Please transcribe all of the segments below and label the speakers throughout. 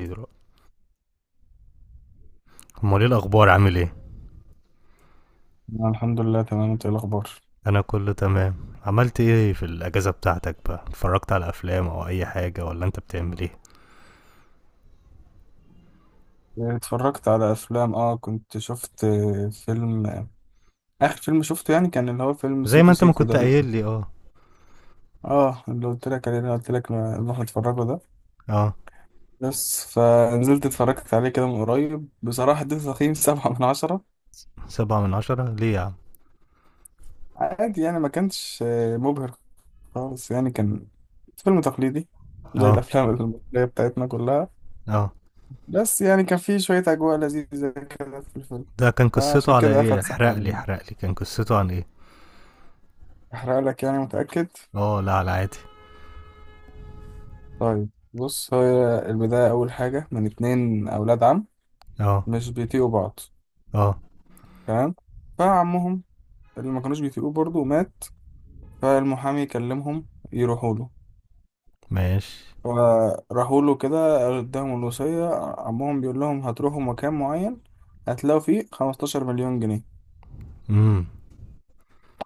Speaker 1: ايه دلوقتي؟ امال ايه الاخبار، عامل ايه؟
Speaker 2: أنا الحمد لله تمام. انت ايه الاخبار؟
Speaker 1: انا كله تمام. عملت ايه في الاجازه بتاعتك بقى، اتفرجت على افلام او اي حاجه، ولا انت بتعمل ايه؟
Speaker 2: اتفرجت على افلام، كنت شفت فيلم. اخر فيلم شفته يعني كان اللي هو فيلم
Speaker 1: زي ما
Speaker 2: سيكو
Speaker 1: انت ما
Speaker 2: سيكو ده
Speaker 1: كنت
Speaker 2: اللي،
Speaker 1: قايل لي، اه.
Speaker 2: اه اللي قلت لك عليه، اللي قلت لك نروح نتفرجه ده.
Speaker 1: اه.
Speaker 2: بس فنزلت اتفرجت عليه كده من قريب، بصراحة اديته تقييم 7/10.
Speaker 1: سبعة من عشرة ليه يا عم؟
Speaker 2: عادي يعني ما كانش مبهر خالص، يعني كان فيلم تقليدي زي
Speaker 1: اه.
Speaker 2: الافلام المصرية بتاعتنا كلها.
Speaker 1: اه.
Speaker 2: بس يعني كان فيه شوية اجواء لذيذة كده في الفيلم،
Speaker 1: ده كان قصته
Speaker 2: فعشان
Speaker 1: على
Speaker 2: كده
Speaker 1: ايه؟
Speaker 2: اخد
Speaker 1: احرق
Speaker 2: 7
Speaker 1: لي
Speaker 2: يعني.
Speaker 1: احرق لي، كان قصته عن ايه؟
Speaker 2: احرق لك يعني، متأكد؟
Speaker 1: اه لا، على عادي.
Speaker 2: طيب بص، هي البداية أول حاجة من 2 أولاد عم
Speaker 1: اه.
Speaker 2: مش بيطيقوا بعض،
Speaker 1: اه.
Speaker 2: تمام، فعمهم اللي ما كانوش بيطيقوه برضه مات. فالمحامي كلمهم يروحوا له،
Speaker 1: ماشي.
Speaker 2: فراحوا له كده، اداهم الوصية. عمهم بيقول لهم هتروحوا مكان معين، هتلاقوا فيه 15 مليون جنيه.
Speaker 1: امم.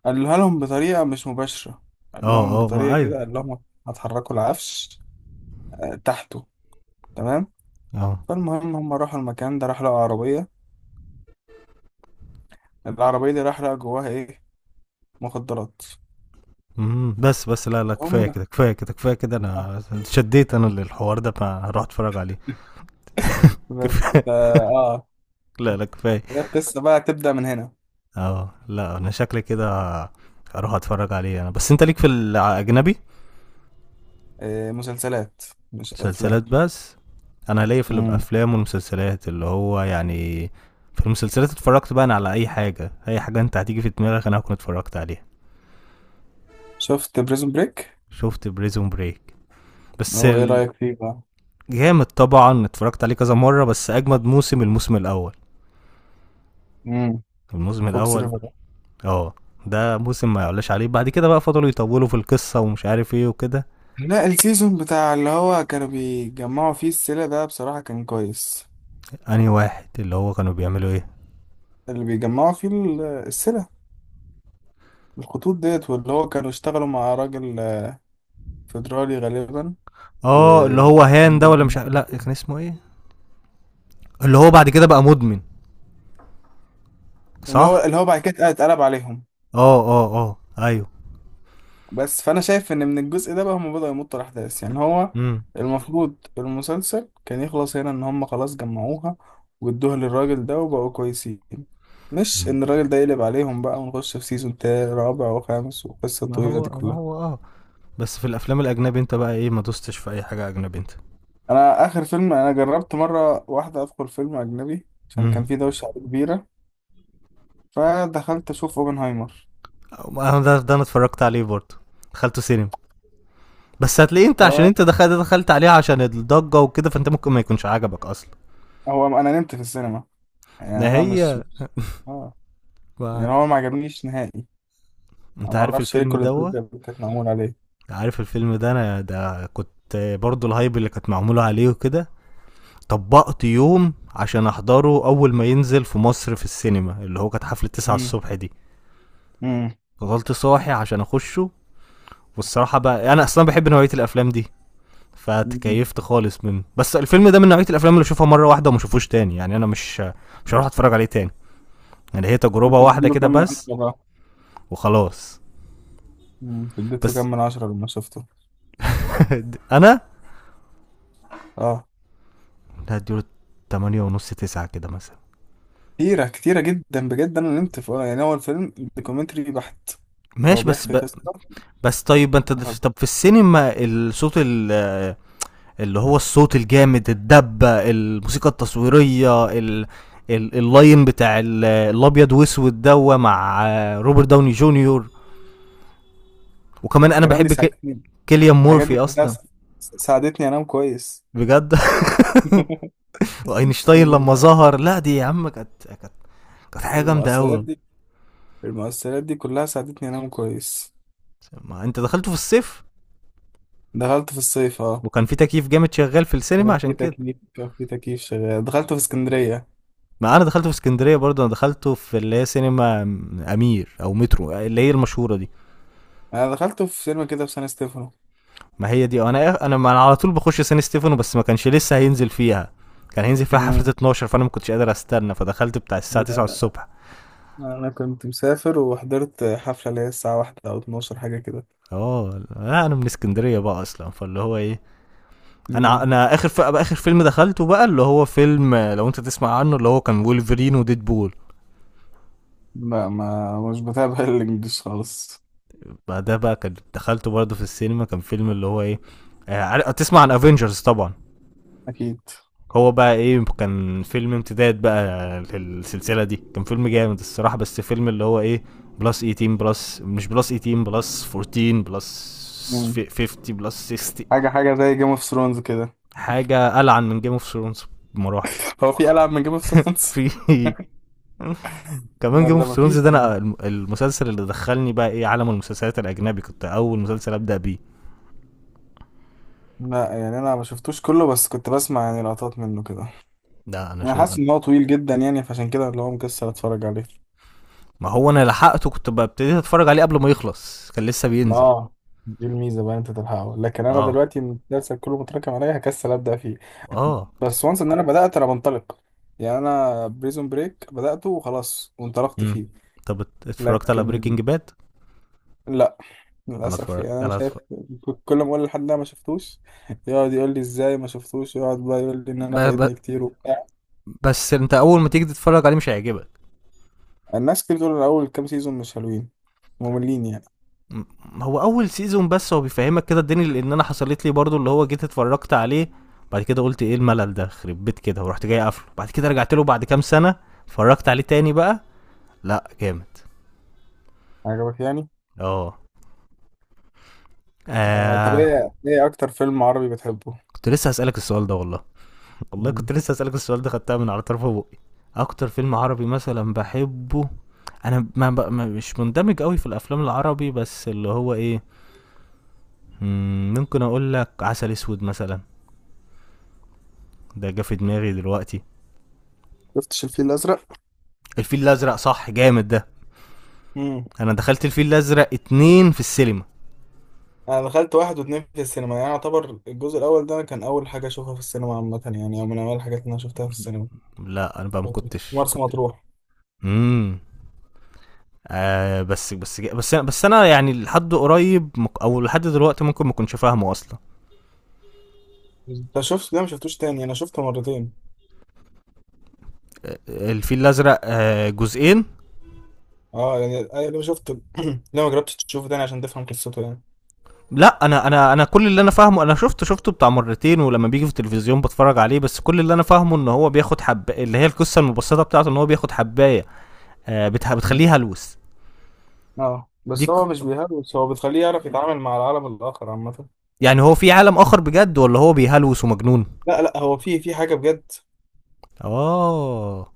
Speaker 2: قالها لهم بطريقة مش مباشرة، قال
Speaker 1: اه.
Speaker 2: لهم
Speaker 1: اه. ما
Speaker 2: بطريقة
Speaker 1: ايوه.
Speaker 2: كده، قال لهم هتحركوا العفش، تحته، تمام.
Speaker 1: اه.
Speaker 2: فالمهم هم راحوا المكان ده، راح لقوا عربية، العربية دي راح لقى جواها إيه؟ مخدرات.
Speaker 1: امم، بس لا لا،
Speaker 2: هم.
Speaker 1: كفايه كده، كفايه كده، كفايه كده.
Speaker 2: آه.
Speaker 1: انا شديت انا للحوار ده، فهروح اتفرج عليه.
Speaker 2: بس
Speaker 1: كفايه.
Speaker 2: ف- آه
Speaker 1: لا لا كفايه.
Speaker 2: هي القصة بقى تبدأ من هنا.
Speaker 1: اه لا، انا شكلي كده هروح اتفرج عليه انا. بس انت ليك في الاجنبي؟
Speaker 2: إيه، مسلسلات مش أفلام.
Speaker 1: مسلسلات بس. انا ليا في
Speaker 2: مم.
Speaker 1: الافلام والمسلسلات، اللي هو يعني، في المسلسلات اتفرجت بقى انا على اي حاجه. اي حاجه انت هتيجي في دماغك انا هكون اتفرجت عليها.
Speaker 2: شفت بريزون بريك.
Speaker 1: شفت بريزون بريك. بس
Speaker 2: هو إيه
Speaker 1: ال-
Speaker 2: رأيك فيه بقى؟
Speaker 1: جامد طبعا، اتفرجت عليه كذا مره. بس اجمد موسم الموسم الاول،
Speaker 2: مم.
Speaker 1: الموسم
Speaker 2: فوكس
Speaker 1: الاول.
Speaker 2: ريفر.
Speaker 1: اه. ده موسم ما يعلاش عليه، بعد كده بقى فضلوا يطولوا في القصه ومش عارف ايه وكده.
Speaker 2: لا، السيزون بتاع اللي هو كانوا بيجمعوا فيه السلة ده بصراحة كان كويس.
Speaker 1: انهي واحد اللي هو كانوا بيعملوا ايه؟
Speaker 2: اللي بيجمعوا فيه السلة، الخطوط ديت، واللي هو كانوا اشتغلوا مع راجل فيدرالي غالبا. و
Speaker 1: اه، اللي هو هان ده، ولا مش ع- لا كان اسمه ايه؟ اللي هو بعد كده بقى مدمن،
Speaker 2: اللي هو
Speaker 1: صح.
Speaker 2: اللي هو بعد كده اتقلب عليهم.
Speaker 1: اه اه اه. ايوه.
Speaker 2: بس فانا شايف ان من الجزء ده بقى هم بدأوا يمطوا الاحداث، يعني هو
Speaker 1: امم.
Speaker 2: المفروض المسلسل كان يخلص هنا، ان هم خلاص جمعوها وادوها للراجل ده وبقوا كويسين، مش
Speaker 1: مم.
Speaker 2: ان الراجل ده يقلب عليهم بقى ونخش في سيزون تاني رابع وخامس والقصة
Speaker 1: ما
Speaker 2: الطويلة دي
Speaker 1: هو ما
Speaker 2: كلها.
Speaker 1: هو اه. بس في الافلام الاجنبي انت بقى ايه، ما دوستش في اي حاجه اجنبي انت؟
Speaker 2: انا اخر فيلم انا جربت مرة واحدة ادخل فيلم اجنبي عشان
Speaker 1: امم.
Speaker 2: كان في دوشة كبيرة، فدخلت اشوف اوبنهايمر.
Speaker 1: انا ده، انا اتفرجت عليه برضه، دخلته سينما. بس هتلاقيه انت، عشان
Speaker 2: فهو
Speaker 1: انت دخلت عليه عشان الضجه وكده، فانت ممكن ما يكونش عجبك اصلا.
Speaker 2: انا نمت في السينما، يعني
Speaker 1: ده
Speaker 2: انا مش
Speaker 1: هي.
Speaker 2: مش- اه يعني
Speaker 1: ما...
Speaker 2: هو ما عجبنيش نهائي. انا
Speaker 1: انت
Speaker 2: ما
Speaker 1: عارف
Speaker 2: اعرفش ليه
Speaker 1: الفيلم
Speaker 2: كل
Speaker 1: دوت؟
Speaker 2: الضجه كانت معمول عليه.
Speaker 1: عارف الفيلم ده، انا ده كنت برضه الهايب اللي كانت معموله عليه وكده. طبقت يوم عشان احضره اول ما ينزل في مصر في السينما، اللي هو كانت حفله 9
Speaker 2: امم
Speaker 1: الصبح دي.
Speaker 2: امم
Speaker 1: فضلت صاحي عشان اخشه. والصراحه بقى انا اصلا بحب نوعيه الافلام دي،
Speaker 2: أمم.
Speaker 1: فتكيفت خالص منه. بس الفيلم ده من نوعيه الافلام اللي اشوفها مره واحده وما اشوفوش تاني. يعني انا مش هروح اتفرج عليه تاني. يعني هي تجربه
Speaker 2: انت
Speaker 1: واحده
Speaker 2: تديله
Speaker 1: كده
Speaker 2: كام من عشرة
Speaker 1: بس
Speaker 2: بقى؟
Speaker 1: وخلاص.
Speaker 2: اديت له
Speaker 1: بس
Speaker 2: كام من عشرة لما شفته؟
Speaker 1: انا
Speaker 2: اه،
Speaker 1: هديله 8 ونص، 9 كده مثلا.
Speaker 2: كتيره كتيره جدا بجد، انا نمت في، يعني هو الفيلم دوكيومنتري بحت، هو
Speaker 1: ماشي.
Speaker 2: بيحكي قصه
Speaker 1: بس طيب انت،
Speaker 2: وخلاص.
Speaker 1: طب في السينما، اللي هو الصوت الجامد، الدبة، الموسيقى التصويرية، اللاين بتاع الابيض واسود دوا مع روبرت داوني جونيور. وكمان انا
Speaker 2: الكلام دي ساعدتني،
Speaker 1: كيليان
Speaker 2: الحاجات دي
Speaker 1: مورفي
Speaker 2: كلها
Speaker 1: اصلا،
Speaker 2: سا- ساعدتني انام كويس.
Speaker 1: بجد. واينشتاين
Speaker 2: يعني
Speaker 1: لما
Speaker 2: الم-
Speaker 1: ظهر، لا دي يا عم كانت كانت حاجه جامده
Speaker 2: المؤثرات
Speaker 1: قوي.
Speaker 2: دي المؤثرات دي كلها ساعدتني انام كويس.
Speaker 1: ما انت دخلته في الصيف،
Speaker 2: دخلت في الصيف، اه.
Speaker 1: وكان في تكييف جامد شغال في السينما عشان كده.
Speaker 2: كان في تكييف شغال. دخلت في اسكندريه.
Speaker 1: ما انا دخلته في اسكندريه برضه، انا دخلته في اللي هي سينما امير او مترو، اللي هي المشهوره دي.
Speaker 2: انا دخلته في سينما كده في سان ستيفانو.
Speaker 1: ما هي دي انا. إيه، انا ما أنا على طول بخش سان ستيفانو، بس ما كانش لسه هينزل فيها، كان هينزل فيها حفله
Speaker 2: مم.
Speaker 1: 12. فانا ما كنتش قادر استنى، فدخلت بتاع الساعه
Speaker 2: لا
Speaker 1: 9
Speaker 2: لا،
Speaker 1: الصبح.
Speaker 2: لا انا كنت مسافر وحضرت حفله اللي هي الساعه واحدة او 12 حاجه كده.
Speaker 1: اه لا، انا من اسكندريه بقى اصلا، فاللي هو ايه، انا
Speaker 2: مم.
Speaker 1: انا اخر اخر فيلم دخلته بقى، اللي هو فيلم، لو انت تسمع عنه، اللي هو كان وولفرين وديد بول.
Speaker 2: ما مش بتابع الانجليش خالص.
Speaker 1: بعدها بقى كان دخلته برضه في السينما، كان فيلم اللي هو ايه، تسمع عن افنجرز طبعا.
Speaker 2: اكيد.
Speaker 1: هو بقى ايه، كان فيلم امتداد بقى للسلسله دي، كان فيلم جامد الصراحه. بس فيلم اللي هو ايه، بلس 18 بلس مش بلس 18 بلس 14 بلس
Speaker 2: مم.
Speaker 1: 50 بلس 60.
Speaker 2: حاجه زي جيم اوف ثرونز كده.
Speaker 1: حاجه العن من جيم اوف ثرونز بمراحل.
Speaker 2: هو في العاب من جيم اوف ثرونز؟
Speaker 1: في، كمان
Speaker 2: لا،
Speaker 1: جيم
Speaker 2: ده
Speaker 1: اوف
Speaker 2: ما
Speaker 1: ثرونز
Speaker 2: فيش
Speaker 1: ده،
Speaker 2: يعني.
Speaker 1: انا المسلسل اللي دخلني بقى ايه عالم المسلسلات الاجنبي، كنت اول مسلسل ابدا بيه.
Speaker 2: لا يعني انا ما شفتوش كله، بس كنت بسمع يعني لقطات منه كده.
Speaker 1: ده انا
Speaker 2: انا
Speaker 1: شو
Speaker 2: حاسس
Speaker 1: أنا.
Speaker 2: ان هو طويل جدا، يعني فعشان كده اللي هو مكسل اتفرج عليه.
Speaker 1: ما هو انا لحقته، كنت ببتدي اتفرج عليه قبل ما يخلص، كان لسه بينزل.
Speaker 2: اه، دي الميزه بقى، انت تلحقه، لكن انا
Speaker 1: اه.
Speaker 2: دلوقتي المسلسل كله متراكم عليا هكسل ابدا فيه.
Speaker 1: اه.
Speaker 2: بس وانس ان انا بدات بنطلق، يعني انا بريزون بريك بداته وخلاص وانطلقت
Speaker 1: مم.
Speaker 2: فيه.
Speaker 1: طب اتفرجت على
Speaker 2: لكن
Speaker 1: بريكنج باد؟
Speaker 2: لا،
Speaker 1: انا
Speaker 2: للاسف يعني
Speaker 1: اتفرجت
Speaker 2: انا
Speaker 1: انا
Speaker 2: شايف،
Speaker 1: اتفرجت
Speaker 2: كل ما اقول لحد ده ما شفتوش يقعد يقول لي ازاي ما شفتوش، يقعد بقى يقول لي ان انا
Speaker 1: ب... ب...
Speaker 2: فايتني كتير وبتاع.
Speaker 1: بس انت اول ما تيجي تتفرج عليه مش هيعجبك.
Speaker 2: الناس كتير بتقول اول كام سيزون مش حلوين، مملين يعني.
Speaker 1: هو اول سيزون بس، هو بيفهمك كده الدنيا. لان انا حصلت لي برضو اللي هو جيت اتفرجت عليه، بعد كده قلت ايه الملل ده خرب بيت كده، ورحت جاي قافله. بعد كده رجعت له بعد كام سنه، اتفرجت عليه تاني بقى. لا جامد.
Speaker 2: عجبك يعني؟
Speaker 1: اه.
Speaker 2: آه، طب
Speaker 1: آه.
Speaker 2: ايه اكتر فيلم عربي بتحبه؟
Speaker 1: كنت لسه هسألك السؤال ده والله. والله كنت
Speaker 2: مم.
Speaker 1: لسه اسالك السؤال ده، خدتها من على طرف بقي. اكتر فيلم عربي مثلا بحبه. انا ما ب... ما مش مندمج قوي في الافلام العربي. بس اللي هو ايه، مم، ممكن اقول لك عسل اسود مثلا. ده جه في دماغي دلوقتي.
Speaker 2: شفتش الفيل الازرق؟
Speaker 1: الفيل الازرق صح، جامد ده.
Speaker 2: مم.
Speaker 1: انا دخلت الفيل الازرق اتنين في السينما.
Speaker 2: انا دخلت واحد واتنين في السينما، يعني يعتبر الجزء الاول ده كان اول حاجه اشوفها في السينما عامه، يعني او من اول الحاجات اللي انا شفتها في السينما.
Speaker 1: لا انا بقى ما
Speaker 2: كنت في
Speaker 1: كنتش
Speaker 2: مرسى
Speaker 1: كنت.
Speaker 2: مطروح.
Speaker 1: امم. آه بس انا يعني لحد قريب، او لحد دلوقتي ممكن ما كنتش فاهمه اصلا.
Speaker 2: ده شفت، ده ما شفتوش تاني، انا شفته مرتين.
Speaker 1: آه، آه، الفيل الازرق، آه جزئين.
Speaker 2: اه يعني أنا لما شفت ليه ما جربتش تشوفه تاني عشان تفهم قصته يعني.
Speaker 1: لا، انا كل اللي انا فاهمه، انا شفته بتاع مرتين، ولما بيجي في التلفزيون بتفرج عليه. بس كل اللي انا فاهمه ان هو بياخد حب، اللي هي القصه المبسطه بتاعته، ان هو بياخد حبايه، بتخليه هلوس.
Speaker 2: اه،
Speaker 1: دي
Speaker 2: بس
Speaker 1: ك-
Speaker 2: هو مش بيهلوس، هو بتخليه يعرف يتعامل مع العالم الاخر عامه.
Speaker 1: يعني هو في عالم اخر بجد، ولا هو بيهلوس ومجنون؟
Speaker 2: لا لا، هو في حاجه بجد.
Speaker 1: اه.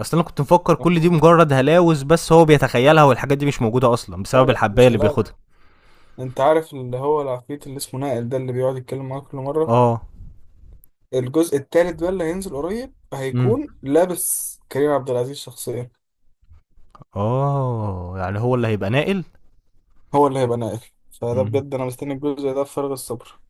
Speaker 1: اصل انا كنت مفكر كل دي
Speaker 2: لا
Speaker 1: مجرد هلاوس، بس هو بيتخيلها والحاجات دي مش موجوده اصلا، بسبب
Speaker 2: لا،
Speaker 1: الحبايه
Speaker 2: مش
Speaker 1: اللي
Speaker 2: هلاوي.
Speaker 1: بياخدها.
Speaker 2: انت عارف اللي هو العفريت اللي اسمه نائل ده اللي بيقعد يتكلم معاك كل مره.
Speaker 1: اه.
Speaker 2: الجزء التالت بقى اللي هينزل قريب
Speaker 1: امم.
Speaker 2: هيكون لابس كريم عبد العزيز شخصيا،
Speaker 1: اه يعني هو اللي هيبقى ناقل.
Speaker 2: هو اللي هيبقى ناقل. فده
Speaker 1: امم.
Speaker 2: بجد انا مستني الجزء ده بفارغ الصبر.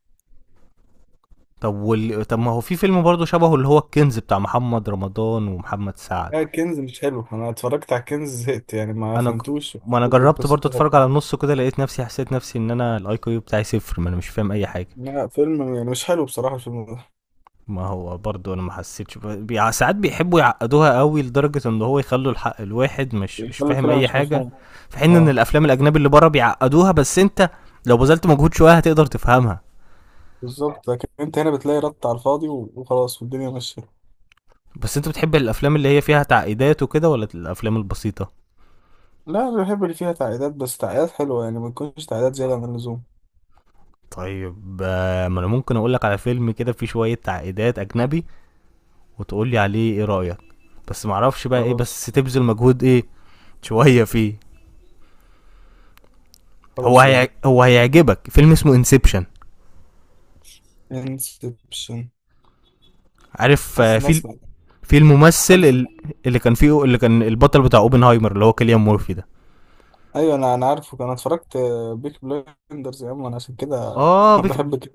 Speaker 1: طب طب ما هو في فيلم برضه شبهه، اللي هو الكنز بتاع محمد رمضان ومحمد سعد.
Speaker 2: لا، الكنز مش حلو. انا اتفرجت على الكنز زهقت يعني، ما
Speaker 1: انا ج...
Speaker 2: فهمتوش
Speaker 1: ما انا
Speaker 2: فكرته
Speaker 1: جربت برضه
Speaker 2: وقصته.
Speaker 1: اتفرج على النص كده، لقيت نفسي، حسيت نفسي ان انا الاي كيو بتاعي صفر، ما انا مش فاهم اي حاجه.
Speaker 2: لا فيلم يعني مش حلو بصراحة الفيلم ده.
Speaker 1: ما هو برضه انا ما حسيتش، ساعات بيحبوا يعقدوها قوي لدرجه ان هو يخلوا الحق الواحد مش فاهم
Speaker 2: الفيلم
Speaker 1: اي
Speaker 2: مش
Speaker 1: حاجه.
Speaker 2: مفهوم.
Speaker 1: في حين ان
Speaker 2: اه
Speaker 1: الافلام الاجنبي اللي بره بيعقدوها، بس انت لو بذلت مجهود شويه هتقدر تفهمها.
Speaker 2: بالظبط، لكن انت هنا بتلاقي رد على الفاضي وخلاص والدنيا ماشية.
Speaker 1: بس انت بتحب الافلام اللي هي فيها تعقيدات وكده، ولا الافلام البسيطه؟
Speaker 2: لا، انا بحب اللي فيها تعقيدات، بس تعقيدات حلوة، يعني ما تكونش تعقيدات زيادة عن اللزوم.
Speaker 1: طيب ما انا ممكن اقولك على فيلم كده فيه شوية تعقيدات اجنبي، وتقولي عليه ايه رأيك. بس معرفش بقى ايه،
Speaker 2: خلاص.
Speaker 1: بس تبذل مجهود ايه، شوية فيه.
Speaker 2: خلاص قولي.
Speaker 1: هو هيعجبك فيلم اسمه انسبشن.
Speaker 2: انسبشن.
Speaker 1: عارف،
Speaker 2: حاسس الناس.
Speaker 1: في الممثل
Speaker 2: حد.
Speaker 1: اللي كان فيه، اللي كان البطل بتاع اوبنهايمر، اللي هو كيليان مورفي ده.
Speaker 2: ايوه، انا عارفه، انا اتفرجت بيك بلايندرز يا عم، انا عشان كده.
Speaker 1: اه بيك.
Speaker 2: بحب كده.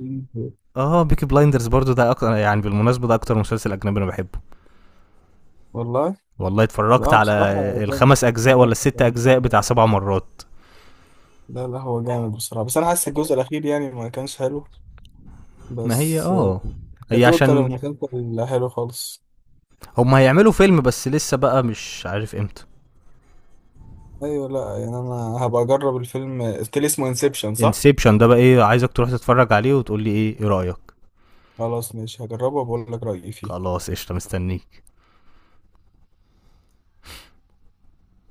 Speaker 1: اه بيكي بلايندرز برضو، ده اكتر، يعني بالمناسبة، ده اكتر مسلسل اجنبي انا بحبه.
Speaker 2: والله.
Speaker 1: والله
Speaker 2: لا
Speaker 1: اتفرجت
Speaker 2: هو
Speaker 1: على
Speaker 2: بصراحه جامد
Speaker 1: الخمس اجزاء ولا
Speaker 2: جامد
Speaker 1: الست
Speaker 2: جامد
Speaker 1: اجزاء بتاع
Speaker 2: جامد.
Speaker 1: سبع مرات.
Speaker 2: لا لا، هو جامد بصراحه، بس انا حاسس الجزء الاخير يعني ما كانش حلو.
Speaker 1: ما هي
Speaker 2: بس،
Speaker 1: اه، هي
Speaker 2: كتوتال
Speaker 1: عشان
Speaker 2: المسلسل حلو خالص.
Speaker 1: هم هيعملوا فيلم، بس لسه بقى مش عارف امتى.
Speaker 2: ايوه، لا يعني انا هبقى اجرب الفيلم. قلت لي اسمه انسبشن صح؟
Speaker 1: انسبشن ده بقى ايه، عايزك تروح تتفرج عليه وتقول لي ايه، ايه رايك.
Speaker 2: خلاص ماشي، هجربه وبقول لك رايي فيه
Speaker 1: خلاص قشطه، مستنيك.